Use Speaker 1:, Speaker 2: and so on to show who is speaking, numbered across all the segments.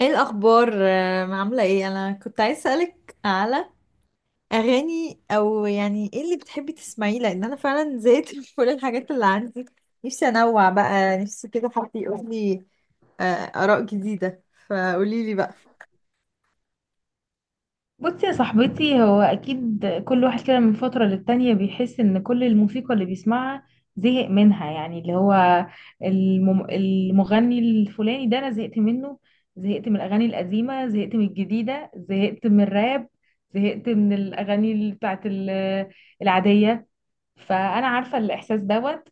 Speaker 1: ايه الاخبار؟ عامله ايه؟ انا كنت عايز اسالك على اغاني، او يعني ايه اللي بتحبي تسمعيه، لان انا فعلا زهقت من كل الحاجات اللي عندي. نفسي انوع بقى، نفسي كده حد يقول لي آه، اراء جديده، فقولي لي بقى.
Speaker 2: بصي يا صاحبتي، هو اكيد كل واحد كده من فترة للتانية بيحس ان كل الموسيقى اللي بيسمعها زهق منها. يعني اللي هو المغني الفلاني ده انا زهقت منه، زهقت من الاغاني القديمة، زهقت من الجديدة، زهقت من الراب، زهقت من الاغاني ال- بتاعت ال- العادية. فانا عارفه الاحساس دوت.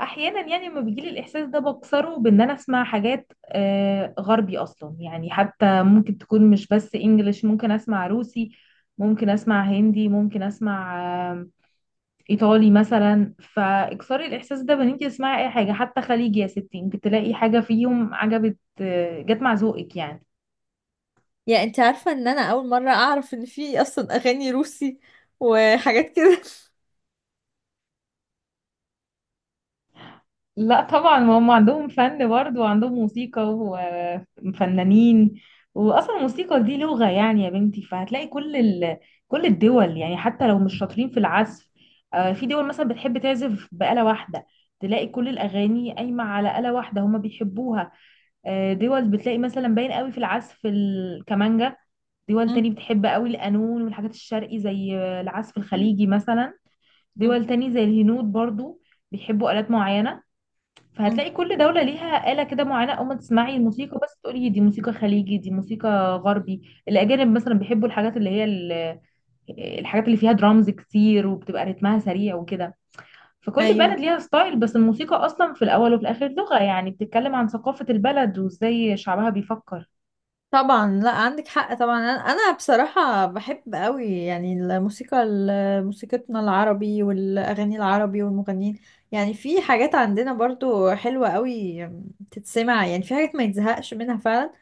Speaker 2: احيانا يعني لما بيجيلي الاحساس ده بكسره بان انا اسمع حاجات غربي اصلا. يعني حتى ممكن تكون مش بس انجليش، ممكن اسمع روسي، ممكن اسمع هندي، ممكن اسمع آه، ايطالي مثلا. فاكسري الاحساس ده بان انت تسمعي اي حاجه، حتى خليجي يا ستي، انت تلاقي حاجه فيهم عجبت جت مع ذوقك يعني.
Speaker 1: يعني انت عارفه ان انا اول مره اعرف ان في اصلا اغاني روسي وحاجات كده.
Speaker 2: لا طبعا، ما هم عندهم فن برضه وعندهم موسيقى وفنانين، واصلا الموسيقى دي لغة يعني يا بنتي. فهتلاقي كل الدول يعني حتى لو مش شاطرين في العزف. في دول مثلا بتحب تعزف بآلة واحدة، تلاقي كل الأغاني قايمة على آلة واحدة هما بيحبوها. دول بتلاقي مثلا باين قوي في العزف الكمانجا، دول تاني
Speaker 1: أم،
Speaker 2: بتحب قوي القانون والحاجات الشرقي زي العزف الخليجي مثلا،
Speaker 1: أم،
Speaker 2: دول تاني زي الهنود برضو بيحبوا آلات معينة.
Speaker 1: أم.
Speaker 2: فهتلاقي كل دولة ليها آلة كده معينة، أول ما تسمعي الموسيقى بس تقولي دي موسيقى خليجي دي موسيقى غربي. الأجانب مثلا بيحبوا الحاجات الحاجات اللي فيها درامز كتير وبتبقى رتمها سريع وكده. فكل
Speaker 1: ايوه
Speaker 2: بلد ليها ستايل، بس الموسيقى أصلا في الأول وفي الآخر لغة، يعني بتتكلم عن ثقافة البلد وإزاي شعبها بيفكر.
Speaker 1: طبعا، لا عندك حق طبعا، انا بصراحه بحب قوي يعني الموسيقى موسيقتنا العربي والاغاني العربي والمغنيين. يعني في حاجات عندنا برضو حلوه قوي تتسمع، يعني في حاجات ما يتزهقش منها فعلا.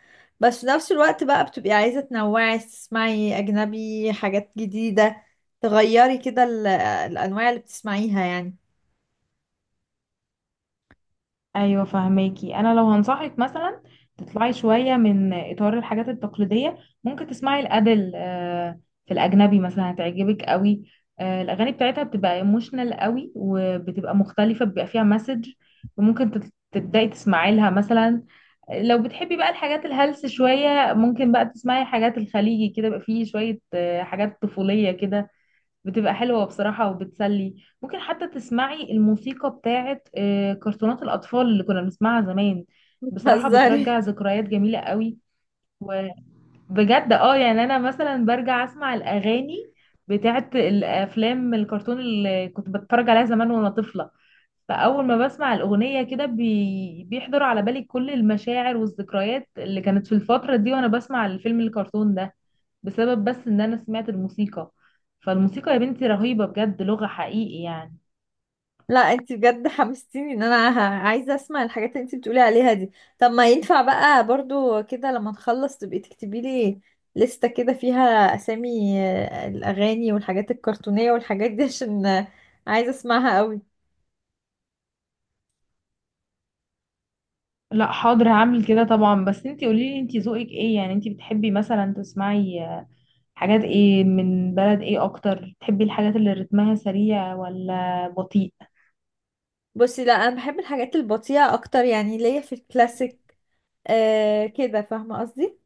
Speaker 1: بس في نفس الوقت بقى بتبقي عايزه تنوعي، تسمعي اجنبي، حاجات جديده، تغيري كده الانواع اللي بتسمعيها يعني.
Speaker 2: ايوه فهماكي. انا لو هنصحك مثلا تطلعي شويه من اطار الحاجات التقليديه، ممكن تسمعي الادل. في الاجنبي مثلا هتعجبك قوي، الاغاني بتاعتها بتبقى ايموشنال قوي وبتبقى مختلفه بيبقى فيها مسج، وممكن تبداي تسمعي لها مثلا. لو بتحبي بقى الحاجات الهلس شويه، ممكن بقى تسمعي حاجات الخليجي كده، بقى فيه شويه حاجات طفوليه كده، بتبقى حلوة بصراحة وبتسلي. ممكن حتى تسمعي الموسيقى بتاعت كرتونات الأطفال اللي كنا بنسمعها زمان. بصراحة
Speaker 1: بتهزري؟
Speaker 2: بترجع ذكريات جميلة قوي، وبجد اه يعني أنا مثلا برجع أسمع الأغاني بتاعت الأفلام الكرتون اللي كنت بتفرج عليها زمان وأنا طفلة. فأول ما بسمع الأغنية كده بيحضر على بالي كل المشاعر والذكريات اللي كانت في الفترة دي وأنا بسمع الفيلم الكرتون ده، بسبب بس ان انا سمعت الموسيقى. فالموسيقى يا بنتي رهيبة بجد، لغة حقيقي يعني.
Speaker 1: لا انت بجد حمستيني ان انا عايزه اسمع الحاجات اللي انت بتقولي عليها دي. طب ما ينفع بقى برضو كده، لما نخلص تبقي تكتبي لي لستة كده فيها اسامي الاغاني والحاجات الكرتونيه والحاجات دي عشان عايزه اسمعها قوي.
Speaker 2: لا حاضر هعمل كده طبعا، بس انتي قوليلي انتي ذوقك ايه. يعني انتي بتحبي مثلا تسمعي حاجات ايه من بلد ايه اكتر؟ بتحبي الحاجات اللي رتمها سريع ولا بطيء؟
Speaker 1: بصي لا انا بحب الحاجات البطيئه اكتر، يعني ليا في الكلاسيك، كده، فاهمه قصدي؟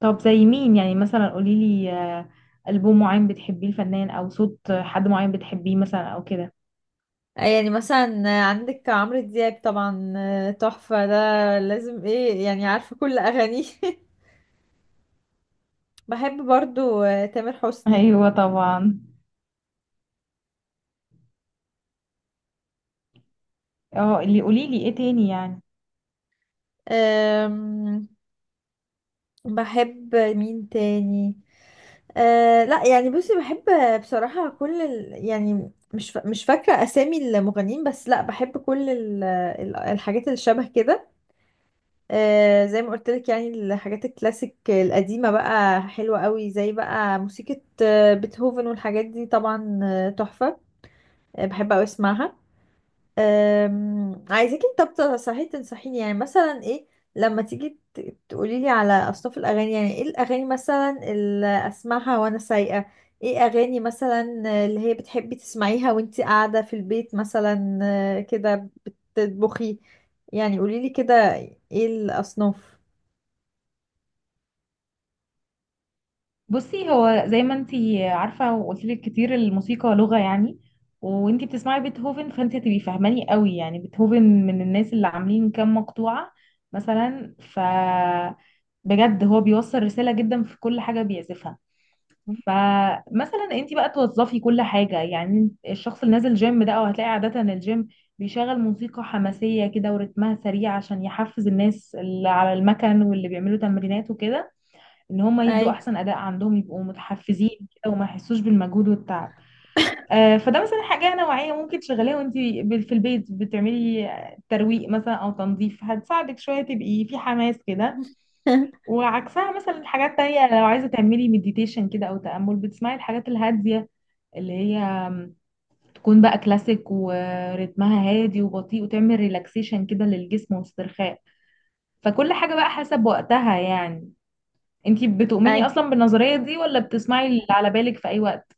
Speaker 2: طب زي مين يعني؟ مثلا قوليلي ألبوم معين بتحبيه، الفنان او صوت حد معين بتحبيه مثلا او كده.
Speaker 1: يعني مثلا عندك عمرو دياب طبعا، تحفه ده، لازم ايه يعني عارفه كل اغانيه بحب برضو تامر حسني.
Speaker 2: ايوه طبعا. اه اللي قوليلي ايه تاني يعني.
Speaker 1: أم، بحب مين تاني؟ أه لا، يعني بصي بحب بصراحة كل يعني مش فاكرة أسامي المغنيين، بس لا بحب كل الحاجات اللي شبه كده. أه زي ما قلت لك، يعني الحاجات الكلاسيك القديمة بقى حلوة قوي، زي بقى موسيقى بيتهوفن والحاجات دي طبعا، تحفة. بحب أوي أسمعها. عايزاكي، طب صحيح تنصحيني يعني مثلا ايه لما تيجي تقولي لي على اصناف الاغاني، يعني ايه الاغاني مثلا اللي اسمعها وانا سايقه، ايه اغاني مثلا اللي هي بتحبي تسمعيها وانتي قاعده في البيت مثلا كده، بتطبخي، يعني قولي لي كده، ايه الاصناف؟
Speaker 2: بصي هو زي ما انتي عارفة وقلت لك كتير، الموسيقى لغة يعني، وانتي بتسمعي بيتهوفن فانتي هتبقي فاهماني قوي. يعني بيتهوفن من الناس اللي عاملين كام مقطوعة مثلا، ف بجد هو بيوصل رسالة جدا في كل حاجة بيعزفها. فمثلا انتي بقى توظفي كل حاجة. يعني الشخص اللي نازل جيم ده، او هتلاقي عادة الجيم بيشغل موسيقى حماسية كده ورتمها سريع عشان يحفز الناس اللي على المكن واللي بيعملوا تمرينات وكده، ان هم يدوا
Speaker 1: ايوه.
Speaker 2: احسن اداء عندهم يبقوا متحفزين كده وما يحسوش بالمجهود والتعب. فده مثلا حاجه نوعيه ممكن تشغليها وانت في البيت بتعملي ترويق مثلا او تنظيف، هتساعدك شويه تبقي في حماس كده. وعكسها مثلا حاجات تانية، لو عايزه تعملي مديتيشن كده او تامل، بتسمعي الحاجات الهاديه اللي هي تكون بقى كلاسيك ورتمها هادي وبطيء، وتعمل ريلاكسيشن كده للجسم واسترخاء. فكل حاجه بقى حسب وقتها يعني. انتي
Speaker 1: اي
Speaker 2: بتؤمني اصلا بالنظرية دي ولا بتسمعي اللي على بالك في اي وقت؟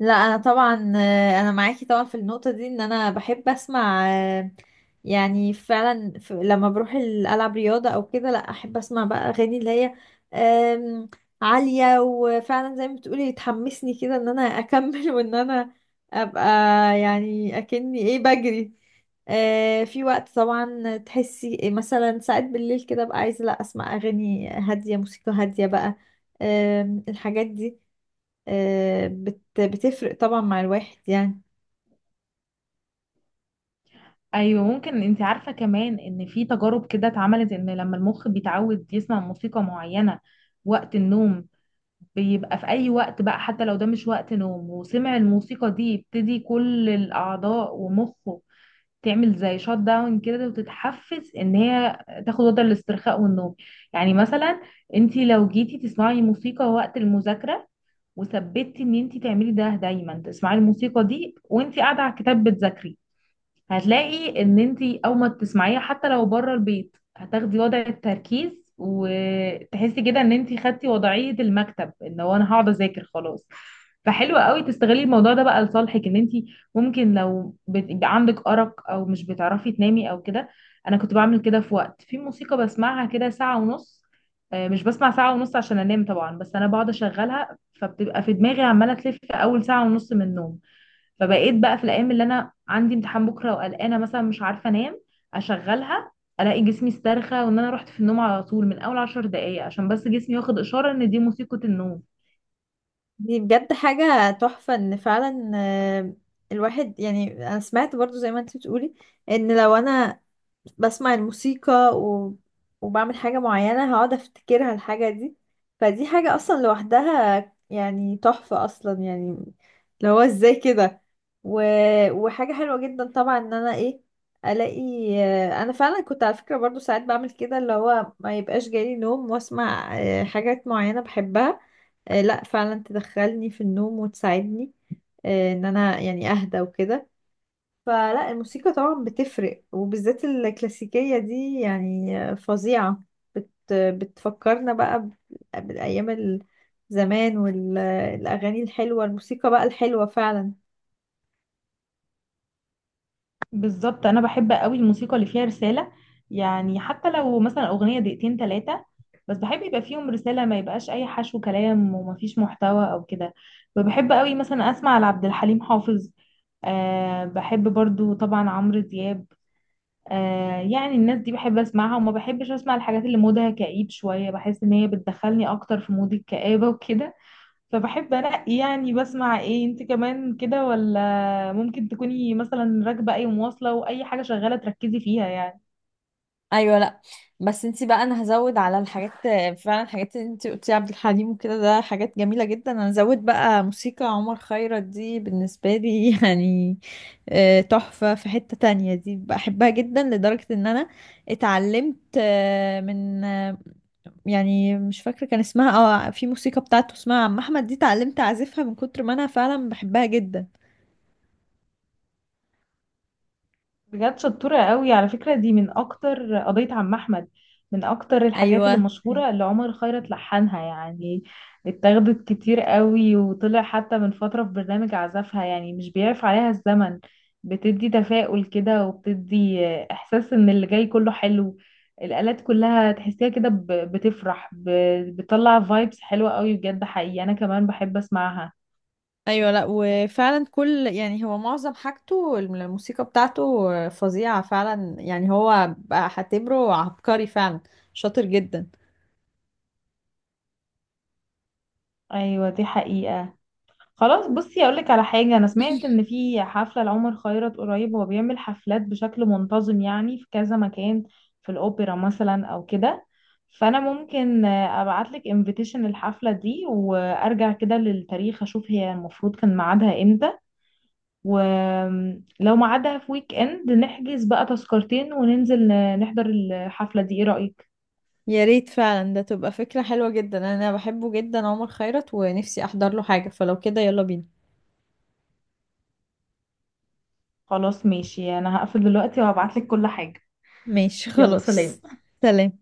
Speaker 1: لا، انا طبعا انا معاكي طبعا في النقطه دي، ان انا بحب اسمع، آه، يعني فعلا لما بروح العب رياضه او كده، لا احب اسمع بقى اغاني اللي هي آم، عاليه، وفعلا زي ما بتقولي تحمسني كده ان انا اكمل وان انا ابقى يعني اكني ايه بجري. في وقت طبعا تحسي مثلا ساعات بالليل كده بقى عايزه، لا اسمع اغاني هاديه، موسيقى هاديه بقى، الحاجات دي بتفرق طبعا مع الواحد يعني.
Speaker 2: ايوه ممكن انتي عارفة كمان ان في تجارب كده اتعملت، ان لما المخ بيتعود يسمع موسيقى معينة وقت النوم، بيبقى في اي وقت بقى حتى لو ده مش وقت نوم وسمع الموسيقى دي، يبتدي كل الاعضاء ومخه تعمل زي شوت داون كده، وتتحفز ان هي تاخد وضع الاسترخاء والنوم. يعني مثلا انتي لو جيتي تسمعي موسيقى وقت المذاكرة وثبتي ان انت تعملي ده دايما، تسمعي الموسيقى دي وانت قاعده على الكتاب بتذاكري، هتلاقي ان انتي او ما تسمعيها حتى لو بره البيت، هتاخدي وضع التركيز وتحسي كده ان انتي خدتي وضعية المكتب ان هو انا هقعد اذاكر خلاص. فحلو قوي تستغلي الموضوع ده بقى لصالحك، ان انتي ممكن لو بيبقى عندك ارق او مش بتعرفي تنامي او كده. انا كنت بعمل كده، في وقت في موسيقى بسمعها كده ساعة ونص. مش بسمع ساعة ونص عشان انام طبعا، بس انا بقعد اشغلها فبتبقى في دماغي عمالة تلف اول ساعة ونص من النوم. فبقيت بقى في الايام اللي انا عندي امتحان بكره وقلقانه مثلا مش عارفه انام، اشغلها، الاقي جسمي استرخى وان انا رحت في النوم على طول من اول 10 دقايق، عشان بس جسمي واخد اشاره ان دي موسيقى النوم.
Speaker 1: دي بجد حاجة تحفة ان فعلا الواحد يعني، انا سمعت برضو زي ما انت بتقولي ان لو انا بسمع الموسيقى و... وبعمل حاجة معينة هقعد افتكرها الحاجة دي، فدي حاجة اصلا لوحدها يعني تحفة اصلا يعني، اللي هو ازاي كده، و... وحاجة حلوة جدا طبعا ان انا ايه الاقي. انا فعلا كنت على فكرة برضو ساعات بعمل كده، اللي هو ما يبقاش جالي نوم واسمع حاجات معينة بحبها، لا فعلا تدخلني في النوم وتساعدني ان انا يعني اهدى وكده. فلا الموسيقى طبعا بتفرق، وبالذات الكلاسيكية دي يعني فظيعة، بتفكرنا بقى بالأيام زمان والأغاني الحلوة، الموسيقى بقى الحلوة فعلا.
Speaker 2: بالظبط، انا بحب قوي الموسيقى اللي فيها رساله. يعني حتى لو مثلا اغنيه 2 أو 3 دقايق، بس بحب يبقى فيهم رساله، ما يبقاش اي حشو كلام ومفيش محتوى او كده. فبحب قوي مثلا اسمع لعبد الحليم حافظ، أه بحب برضو طبعا عمرو دياب. آه يعني الناس دي بحب اسمعها، وما بحبش اسمع الحاجات اللي مودها كئيب شوية، بحس ان هي بتدخلني اكتر في مود الكآبة وكده. فبحب انقي يعني. بسمع ايه انت كمان كده ولا ممكن تكوني مثلا راكبة اي مواصلة واي حاجة شغالة تركزي فيها يعني؟
Speaker 1: ايوه لا، بس انتي بقى، انا هزود على الحاجات فعلا، الحاجات اللي انتي قلتي عبد الحليم وكده ده حاجات جميله جدا، انا هزود بقى موسيقى عمر خيرت دي بالنسبه لي يعني تحفه، في حته تانية دي بحبها جدا لدرجه ان انا اتعلمت من، يعني مش فاكره كان اسمها، اه في موسيقى بتاعته اسمها عم احمد، دي اتعلمت اعزفها من كتر ما انا فعلا بحبها جدا.
Speaker 2: بجد شطورة قوي على فكرة دي. من أكتر قضية عم أحمد، من أكتر الحاجات اللي
Speaker 1: ايوه.
Speaker 2: مشهورة اللي عمر خيرت لحنها يعني، اتاخدت كتير قوي وطلع حتى من فترة في برنامج عزفها، يعني مش بيعرف عليها الزمن. بتدي تفاؤل كده وبتدي إحساس إن اللي جاي كله حلو. الآلات كلها تحسيها كده بتفرح، بتطلع فايبس حلوة قوي بجد حقيقي. أنا كمان بحب أسمعها.
Speaker 1: ايوه لا، وفعلا كل يعني هو معظم حاجته الموسيقى بتاعته فظيعة فعلا، يعني هو بقى هعتبره عبقري فعلا، شاطر جدا.
Speaker 2: أيوة دي حقيقة. خلاص بصي اقول لك على حاجه، انا سمعت ان في حفله لعمر خيرت قريب، هو بيعمل حفلات بشكل منتظم يعني في كذا مكان، في الاوبرا مثلا او كده. فانا ممكن ابعت لك انفيتيشن للحفله دي، وارجع كده للتاريخ اشوف هي المفروض كان ميعادها امتى، ولو ميعادها في ويك اند نحجز بقى تذكرتين وننزل نحضر الحفله دي. ايه رايك؟
Speaker 1: يا ريت فعلا، ده تبقى فكرة حلوة جدا، انا بحبه جدا عمر خيرت ونفسي احضر له حاجة، فلو كده يلا بينا.
Speaker 2: خلاص ماشي، انا هقفل دلوقتي وهبعت لك كل حاجه.
Speaker 1: ماشي
Speaker 2: يلا
Speaker 1: خلاص.
Speaker 2: سلام.
Speaker 1: سلام.